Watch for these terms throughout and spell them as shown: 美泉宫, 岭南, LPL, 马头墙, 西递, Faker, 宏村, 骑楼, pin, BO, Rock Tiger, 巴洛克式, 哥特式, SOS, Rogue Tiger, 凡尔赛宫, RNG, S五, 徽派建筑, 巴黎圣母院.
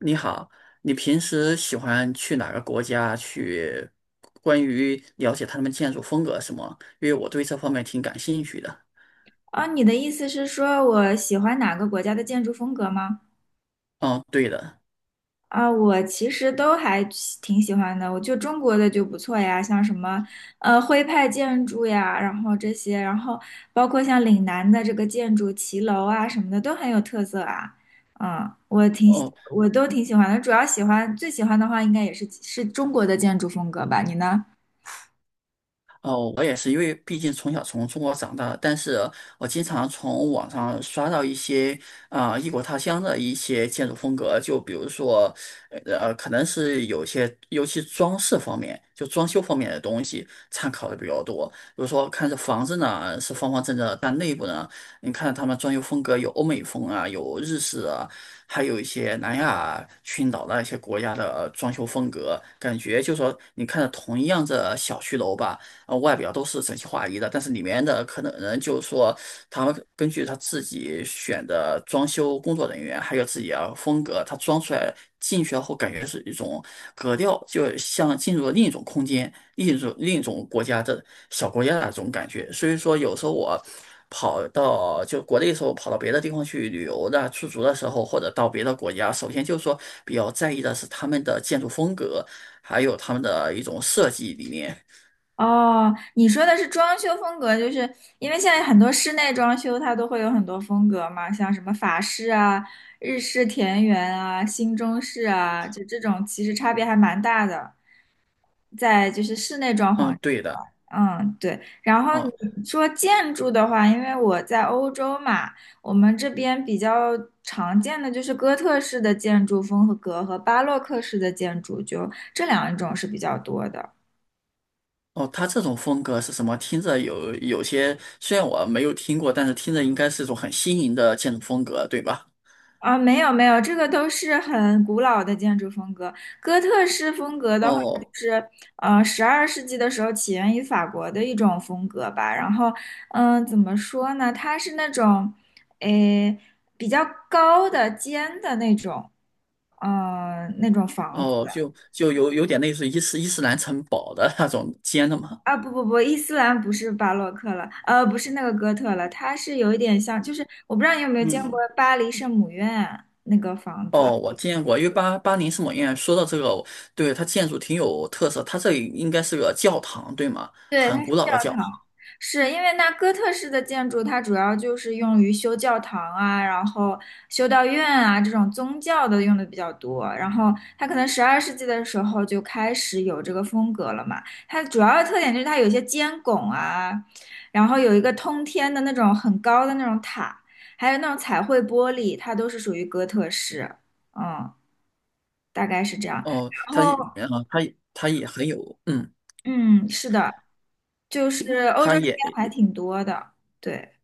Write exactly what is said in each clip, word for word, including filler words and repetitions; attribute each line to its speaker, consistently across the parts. Speaker 1: 你好，你平时喜欢去哪个国家去？关于了解他们建筑风格什么？因为我对这方面挺感兴趣的。
Speaker 2: 啊，你的意思是说我喜欢哪个国家的建筑风格吗？
Speaker 1: 哦，对的。
Speaker 2: 啊，我其实都还喜挺喜欢的，我就中国的就不错呀，像什么呃徽派建筑呀，然后这些，然后包括像岭南的这个建筑骑楼啊什么的都很有特色啊。嗯，我挺喜
Speaker 1: 哦。
Speaker 2: 我都挺喜欢的，主要喜欢最喜欢的话应该也是是中国的建筑风格吧，你呢？
Speaker 1: 哦，我也是，因为毕竟从小从中国长大，但是我经常从网上刷到一些啊、呃异国他乡的一些建筑风格，就比如说，呃，可能是有些，尤其装饰方面，就装修方面的东西参考的比较多。比如说，看这房子呢是方方正正的，但内部呢，你看他们装修风格有欧美风啊，有日式啊，还有一些南亚群岛的一些国家的装修风格，感觉就说你看着同样的小区楼吧。呃外表都是整齐划一的，但是里面的可能人就是说，他们根据他自己选的装修工作人员，还有自己的风格，他装出来进去后感觉是一种格调，就像进入了另一种空间、另一种另一种国家的小国家的那种感觉。所以说，有时候我。跑到就国内的时候，跑到别的地方去旅游的、出足的时候，或者到别的国家，首先就是说比较在意的是他们的建筑风格，还有他们的一种设计理念。
Speaker 2: 哦，你说的是装修风格，就是因为现在很多室内装修它都会有很多风格嘛，像什么法式啊、日式田园啊、新中式啊，就这种其实差别还蛮大的，在就是室内装
Speaker 1: 嗯，
Speaker 2: 潢这一
Speaker 1: 对
Speaker 2: 块。
Speaker 1: 的。
Speaker 2: 嗯，对。然后
Speaker 1: 哦。
Speaker 2: 你说建筑的话，因为我在欧洲嘛，我们这边比较常见的就是哥特式的建筑风格和巴洛克式的建筑，就这两种是比较多的。
Speaker 1: 哦，他这种风格是什么？听着有有些，虽然我没有听过，但是听着应该是一种很新颖的建筑风格，对吧？
Speaker 2: 啊，没有没有，这个都是很古老的建筑风格。哥特式风格的话，就
Speaker 1: 哦
Speaker 2: 是呃，十二世纪的时候起源于法国的一种风格吧。然后，嗯，怎么说呢？它是那种，诶，比较高的、尖的那种，嗯、那种房子
Speaker 1: 哦。就就有有点类似于伊斯伊斯兰城堡的那种尖的嘛。
Speaker 2: 啊。不不不，伊斯兰不是巴洛克了，呃，不是那个哥特了，它是有一点像，就是我不知道你有没有见过
Speaker 1: 嗯，
Speaker 2: 巴黎圣母院那个房子。
Speaker 1: 哦，我见过，因为巴巴黎圣母院说到这个，对它建筑挺有特色，它这里应该是个教堂，对吗？
Speaker 2: 对，它
Speaker 1: 很
Speaker 2: 是
Speaker 1: 古老
Speaker 2: 教
Speaker 1: 的教
Speaker 2: 堂，
Speaker 1: 堂。
Speaker 2: 是因为那哥特式的建筑，它主要就是用于修教堂啊，然后修道院啊这种宗教的用的比较多。然后它可能十二世纪的时候就开始有这个风格了嘛。它主要的特点就是它有一些尖拱啊，然后有一个通天的那种很高的那种塔，还有那种彩绘玻璃，它都是属于哥特式。嗯，大概是这样。
Speaker 1: 哦，
Speaker 2: 然
Speaker 1: 它也，
Speaker 2: 后，
Speaker 1: 呃，它它也很有，嗯，
Speaker 2: 嗯，是的。就是欧洲
Speaker 1: 它
Speaker 2: 这边
Speaker 1: 也。
Speaker 2: 还挺多的，对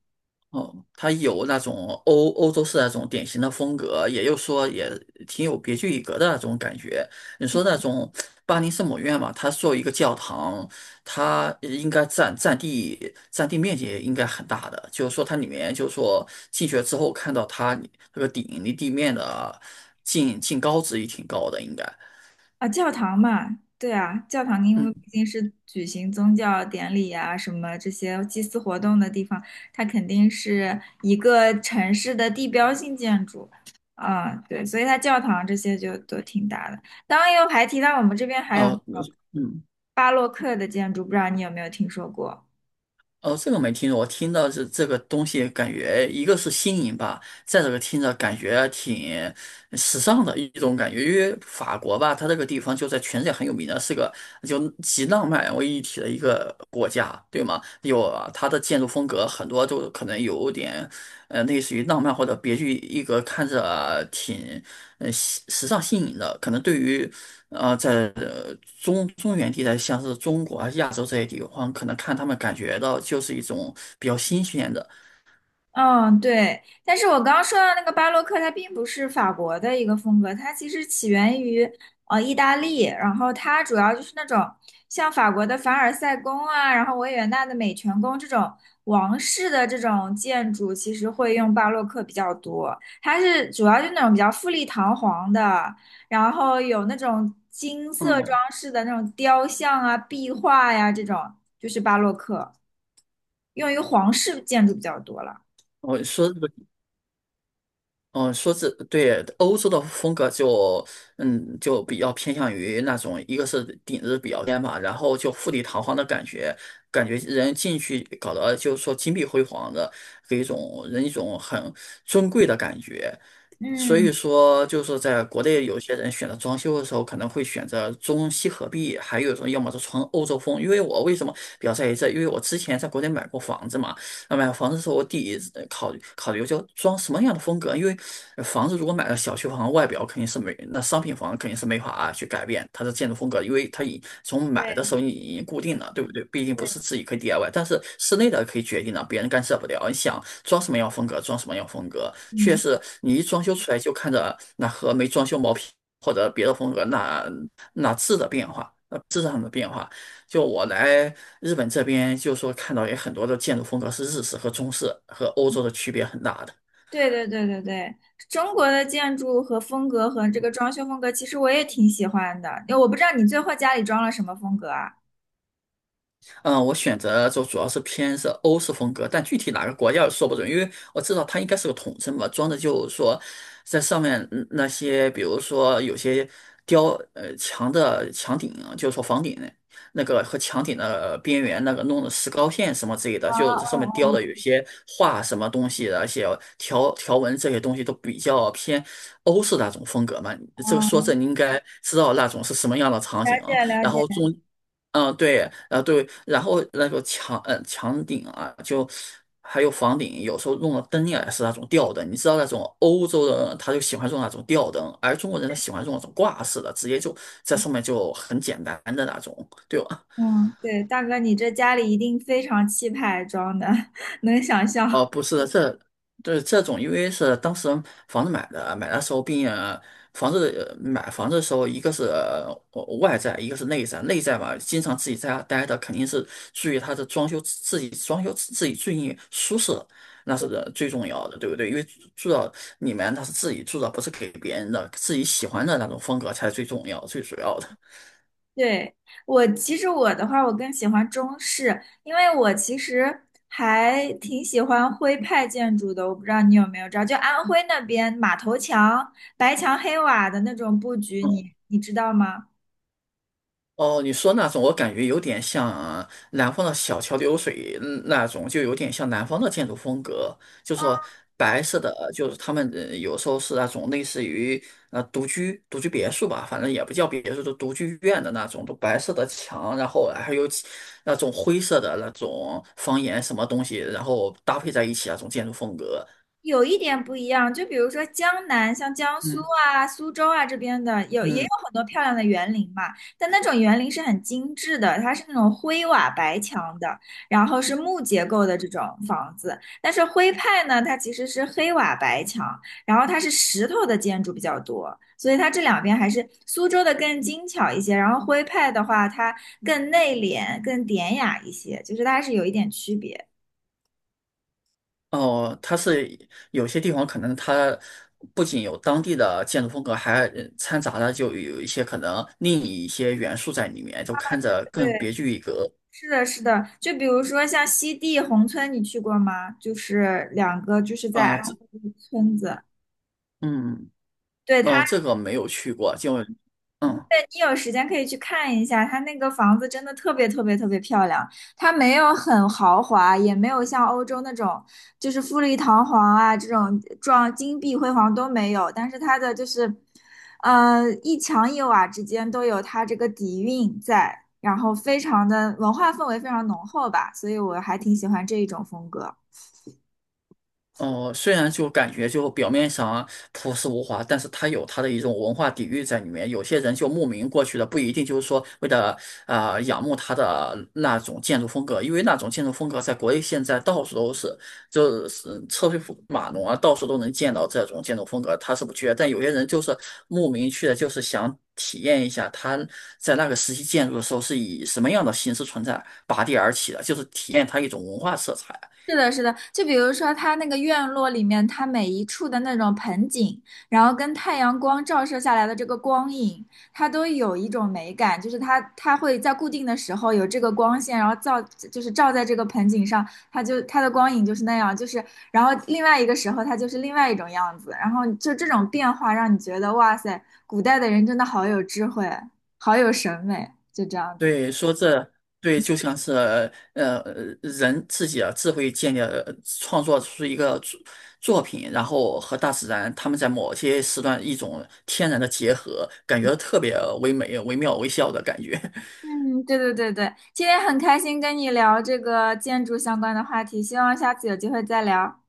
Speaker 1: 哦，它有那种欧欧洲式那种典型的风格，也就是说也挺有别具一格的那种感觉。你说那种巴黎圣母院嘛，它作为一个教堂，它应该占占地占地面积也应该很大的，就是说它里面就是说进去了之后看到它那个顶离地面的近近高值也挺高的，应该。
Speaker 2: 啊，教堂嘛，对啊，教堂因为
Speaker 1: 嗯，
Speaker 2: 毕竟是举行宗教典礼啊什么这些祭祀活动的地方，它肯定是一个城市的地标性建筑，啊，对，所以它教堂这些就都挺大的。当然又还提到我们这边还有那
Speaker 1: 哦，
Speaker 2: 种
Speaker 1: 嗯。
Speaker 2: 巴洛克的建筑，不知道你有没有听说过？
Speaker 1: 哦，这个没听过，我听到是这个东西，感觉一个是新颖吧，再这个听着感觉挺时尚的一种感觉。因为法国吧，它这个地方就在全世界很有名的，是个就集浪漫为一体的一个国家，对吗？有啊它的建筑风格很多就可能有点。呃，类似于浪漫或者别具一格，看着挺呃时时尚新颖的。可能对于呃在呃中中原地带，像是中国啊、亚洲这些地方，可能看他们感觉到就是一种比较新鲜的。
Speaker 2: 嗯，对，但是我刚刚说到那个巴洛克，它并不是法国的一个风格，它其实起源于呃意大利，然后它主要就是那种像法国的凡尔赛宫啊，然后维也纳的美泉宫这种王室的这种建筑，其实会用巴洛克比较多。它是主要就那种比较富丽堂皇的，然后有那种金色装
Speaker 1: 嗯，
Speaker 2: 饰的那种雕像啊、壁画呀、这种，就是巴洛克，用于皇室建筑比较多了。
Speaker 1: 我说这个。嗯，说这对欧洲的风格就，嗯，就比较偏向于那种，一个是顶子比较尖嘛，然后就富丽堂皇的感觉，感觉人进去搞得就是说金碧辉煌的，给一种人一种很尊贵的感觉。所
Speaker 2: 嗯。
Speaker 1: 以说，就是说在国内有些人选择装修的时候，可能会选择中西合璧，还有一种要么是纯欧洲风。因为我为什么比较在意这？因为我之前在国内买过房子嘛。那买房子的时候，我第一考虑考虑就装什么样的风格，因为呃房子如果买了小区房，外表肯定是没，那商品房肯定是没法去改变它的建筑风格，因为它已从买的时
Speaker 2: 对
Speaker 1: 候你已经固定了，对不对？毕竟不
Speaker 2: 对，
Speaker 1: 是自己可以 D I Y，但是室内的可以决定了，别人干涉不了。你想装什么样风格，装什么样风格，确
Speaker 2: 嗯
Speaker 1: 实你一装修出来就看着那和没装修毛坯或者别的风格那那质的变化，呃质上的变化。就我来日本这边，就说看到有很多的建筑风格是日式和中式，和欧洲的区别很大的。
Speaker 2: 对对对对对，中国的建筑和风格和这个装修风格，其实我也挺喜欢的。因为我不知道你最后家里装了什么风格啊？
Speaker 1: 嗯，我选择就主要是偏是欧式风格，但具体哪个国家说不准，因为我知道它应该是个统称吧，装的就是说，在上面嗯那些，比如说有些雕呃墙的墙顶啊就是说房顶那个和墙顶的边缘那个弄的石膏线什么之类的，
Speaker 2: 啊
Speaker 1: 就是上面雕的
Speaker 2: 啊
Speaker 1: 有些画什么东西的，而且条条纹这些东西都比较偏欧式那种风格嘛。这个
Speaker 2: 啊！
Speaker 1: 说这
Speaker 2: 哦
Speaker 1: 你应该知道那种是什么样的场
Speaker 2: 了
Speaker 1: 景啊
Speaker 2: 解了
Speaker 1: 然
Speaker 2: 解，
Speaker 1: 后中嗯，对，对，呃，对，然后那个墙，呃，墙顶啊，就还有房顶，有时候用的灯也是那种吊灯。你知道那种欧洲人他就喜欢用那种吊灯，而中国人他喜欢用那种挂式的，直接就在上面就很简单的那种，对吧？
Speaker 2: 嗯，对，大哥，你这家里一定非常气派装的，能想
Speaker 1: 哦，
Speaker 2: 象。
Speaker 1: 不是的，这对这种，因为是当时房子买的，买的时候并呃房子呃买房子的时候，一个是呃外在，一个是内在。内在嘛，经常自己在家待的，肯定是注意它的装修，自己装修自己最舒适，那是呃最重要的，对不对？因为住到里面，它是自己住的，不是给别人的，自己喜欢的那种风格才是最重要、最主要的。
Speaker 2: 对，我其实我的话，我更喜欢中式，因为我其实还挺喜欢徽派建筑的。我不知道你有没有知道，就安徽那边马头墙、白墙黑瓦的那种布局
Speaker 1: 嗯。
Speaker 2: 你，你知道吗？
Speaker 1: 哦，你说那种，我感觉有点像南方的小桥流水嗯那种，就有点像南方的建筑风格，就说白色的，就是他们呃有时候是那种类似于呃独居独居别墅吧，反正也不叫别墅，就独居院的那种，都白色的墙，然后还有其那种灰色的那种房檐什么东西，然后搭配在一起那种建筑风格。
Speaker 2: 有一点不一样，就比如说江南，像江苏
Speaker 1: 嗯。
Speaker 2: 啊、苏州啊这边的，有也有
Speaker 1: 嗯。
Speaker 2: 很多漂亮的园林嘛，但那种园林是很精致的，它是那种灰瓦白墙的，然后是木结构的这种房子。但是徽派呢，它其实是黑瓦白墙，然后它是石头的建筑比较多，所以它这两边还是苏州的更精巧一些，然后徽派的话，它更内敛、更典雅一些，就是它还是有一点区别。
Speaker 1: 哦，它是有些地方可能它不仅有当地的建筑风格，还呃掺杂了就有一些可能另一些元素在里面，就看着更
Speaker 2: 对。
Speaker 1: 别具一格。
Speaker 2: 是的，是的，就比如说像西递宏村，你去过吗？就是两个，就是在
Speaker 1: 啊、
Speaker 2: 安
Speaker 1: 这
Speaker 2: 徽的村子。
Speaker 1: 嗯。
Speaker 2: 对，
Speaker 1: 哦，
Speaker 2: 它，
Speaker 1: 这个没有去过，就嗯。
Speaker 2: 你有时间可以去看一下，它那个房子真的特别特别特别漂亮。它没有很豪华，也没有像欧洲那种就是富丽堂皇啊这种装金碧辉煌都没有，但是它的就是，呃，一墙一瓦之间都有它这个底蕴在，然后非常的文化氛围非常浓厚吧，所以我还挺喜欢这一种风格。
Speaker 1: 哦，虽然就感觉就表面上啊朴实无华，但是它有它的一种文化底蕴在里面。有些人就慕名过去的，不一定就是说为了啊、呃仰慕它的那种建筑风格，因为那种建筑风格在国内现在到处都是，就是车水马龙啊，到处都能见到这种建筑风格，他是不缺。但有些人就是慕名去的，就是想体验一下他在那个时期建筑的时候是以什么样的形式存在，拔地而起的，就是体验它一种文化色彩。
Speaker 2: 是的，是的，就比如说它那个院落里面，它每一处的那种盆景，然后跟太阳光照射下来的这个光影，它都有一种美感，就是它它会在固定的时候有这个光线，然后照就是照在这个盆景上，它就它的光影就是那样，就是然后另外一个时候它就是另外一种样子，然后就这种变化让你觉得哇塞，古代的人真的好有智慧，好有审美，就这样子。
Speaker 1: 对，说这对就像是呃人自己啊智慧建立了创作出一个作作品，然后和大自然他们在某些时段一种天然的结合，感觉特别唯美、惟妙惟肖的感觉。
Speaker 2: 嗯，对对对对，今天很开心跟你聊这个建筑相关的话题，希望下次有机会再聊。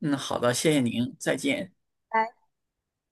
Speaker 1: 嗯，好的，谢谢您，再见。
Speaker 2: 拜拜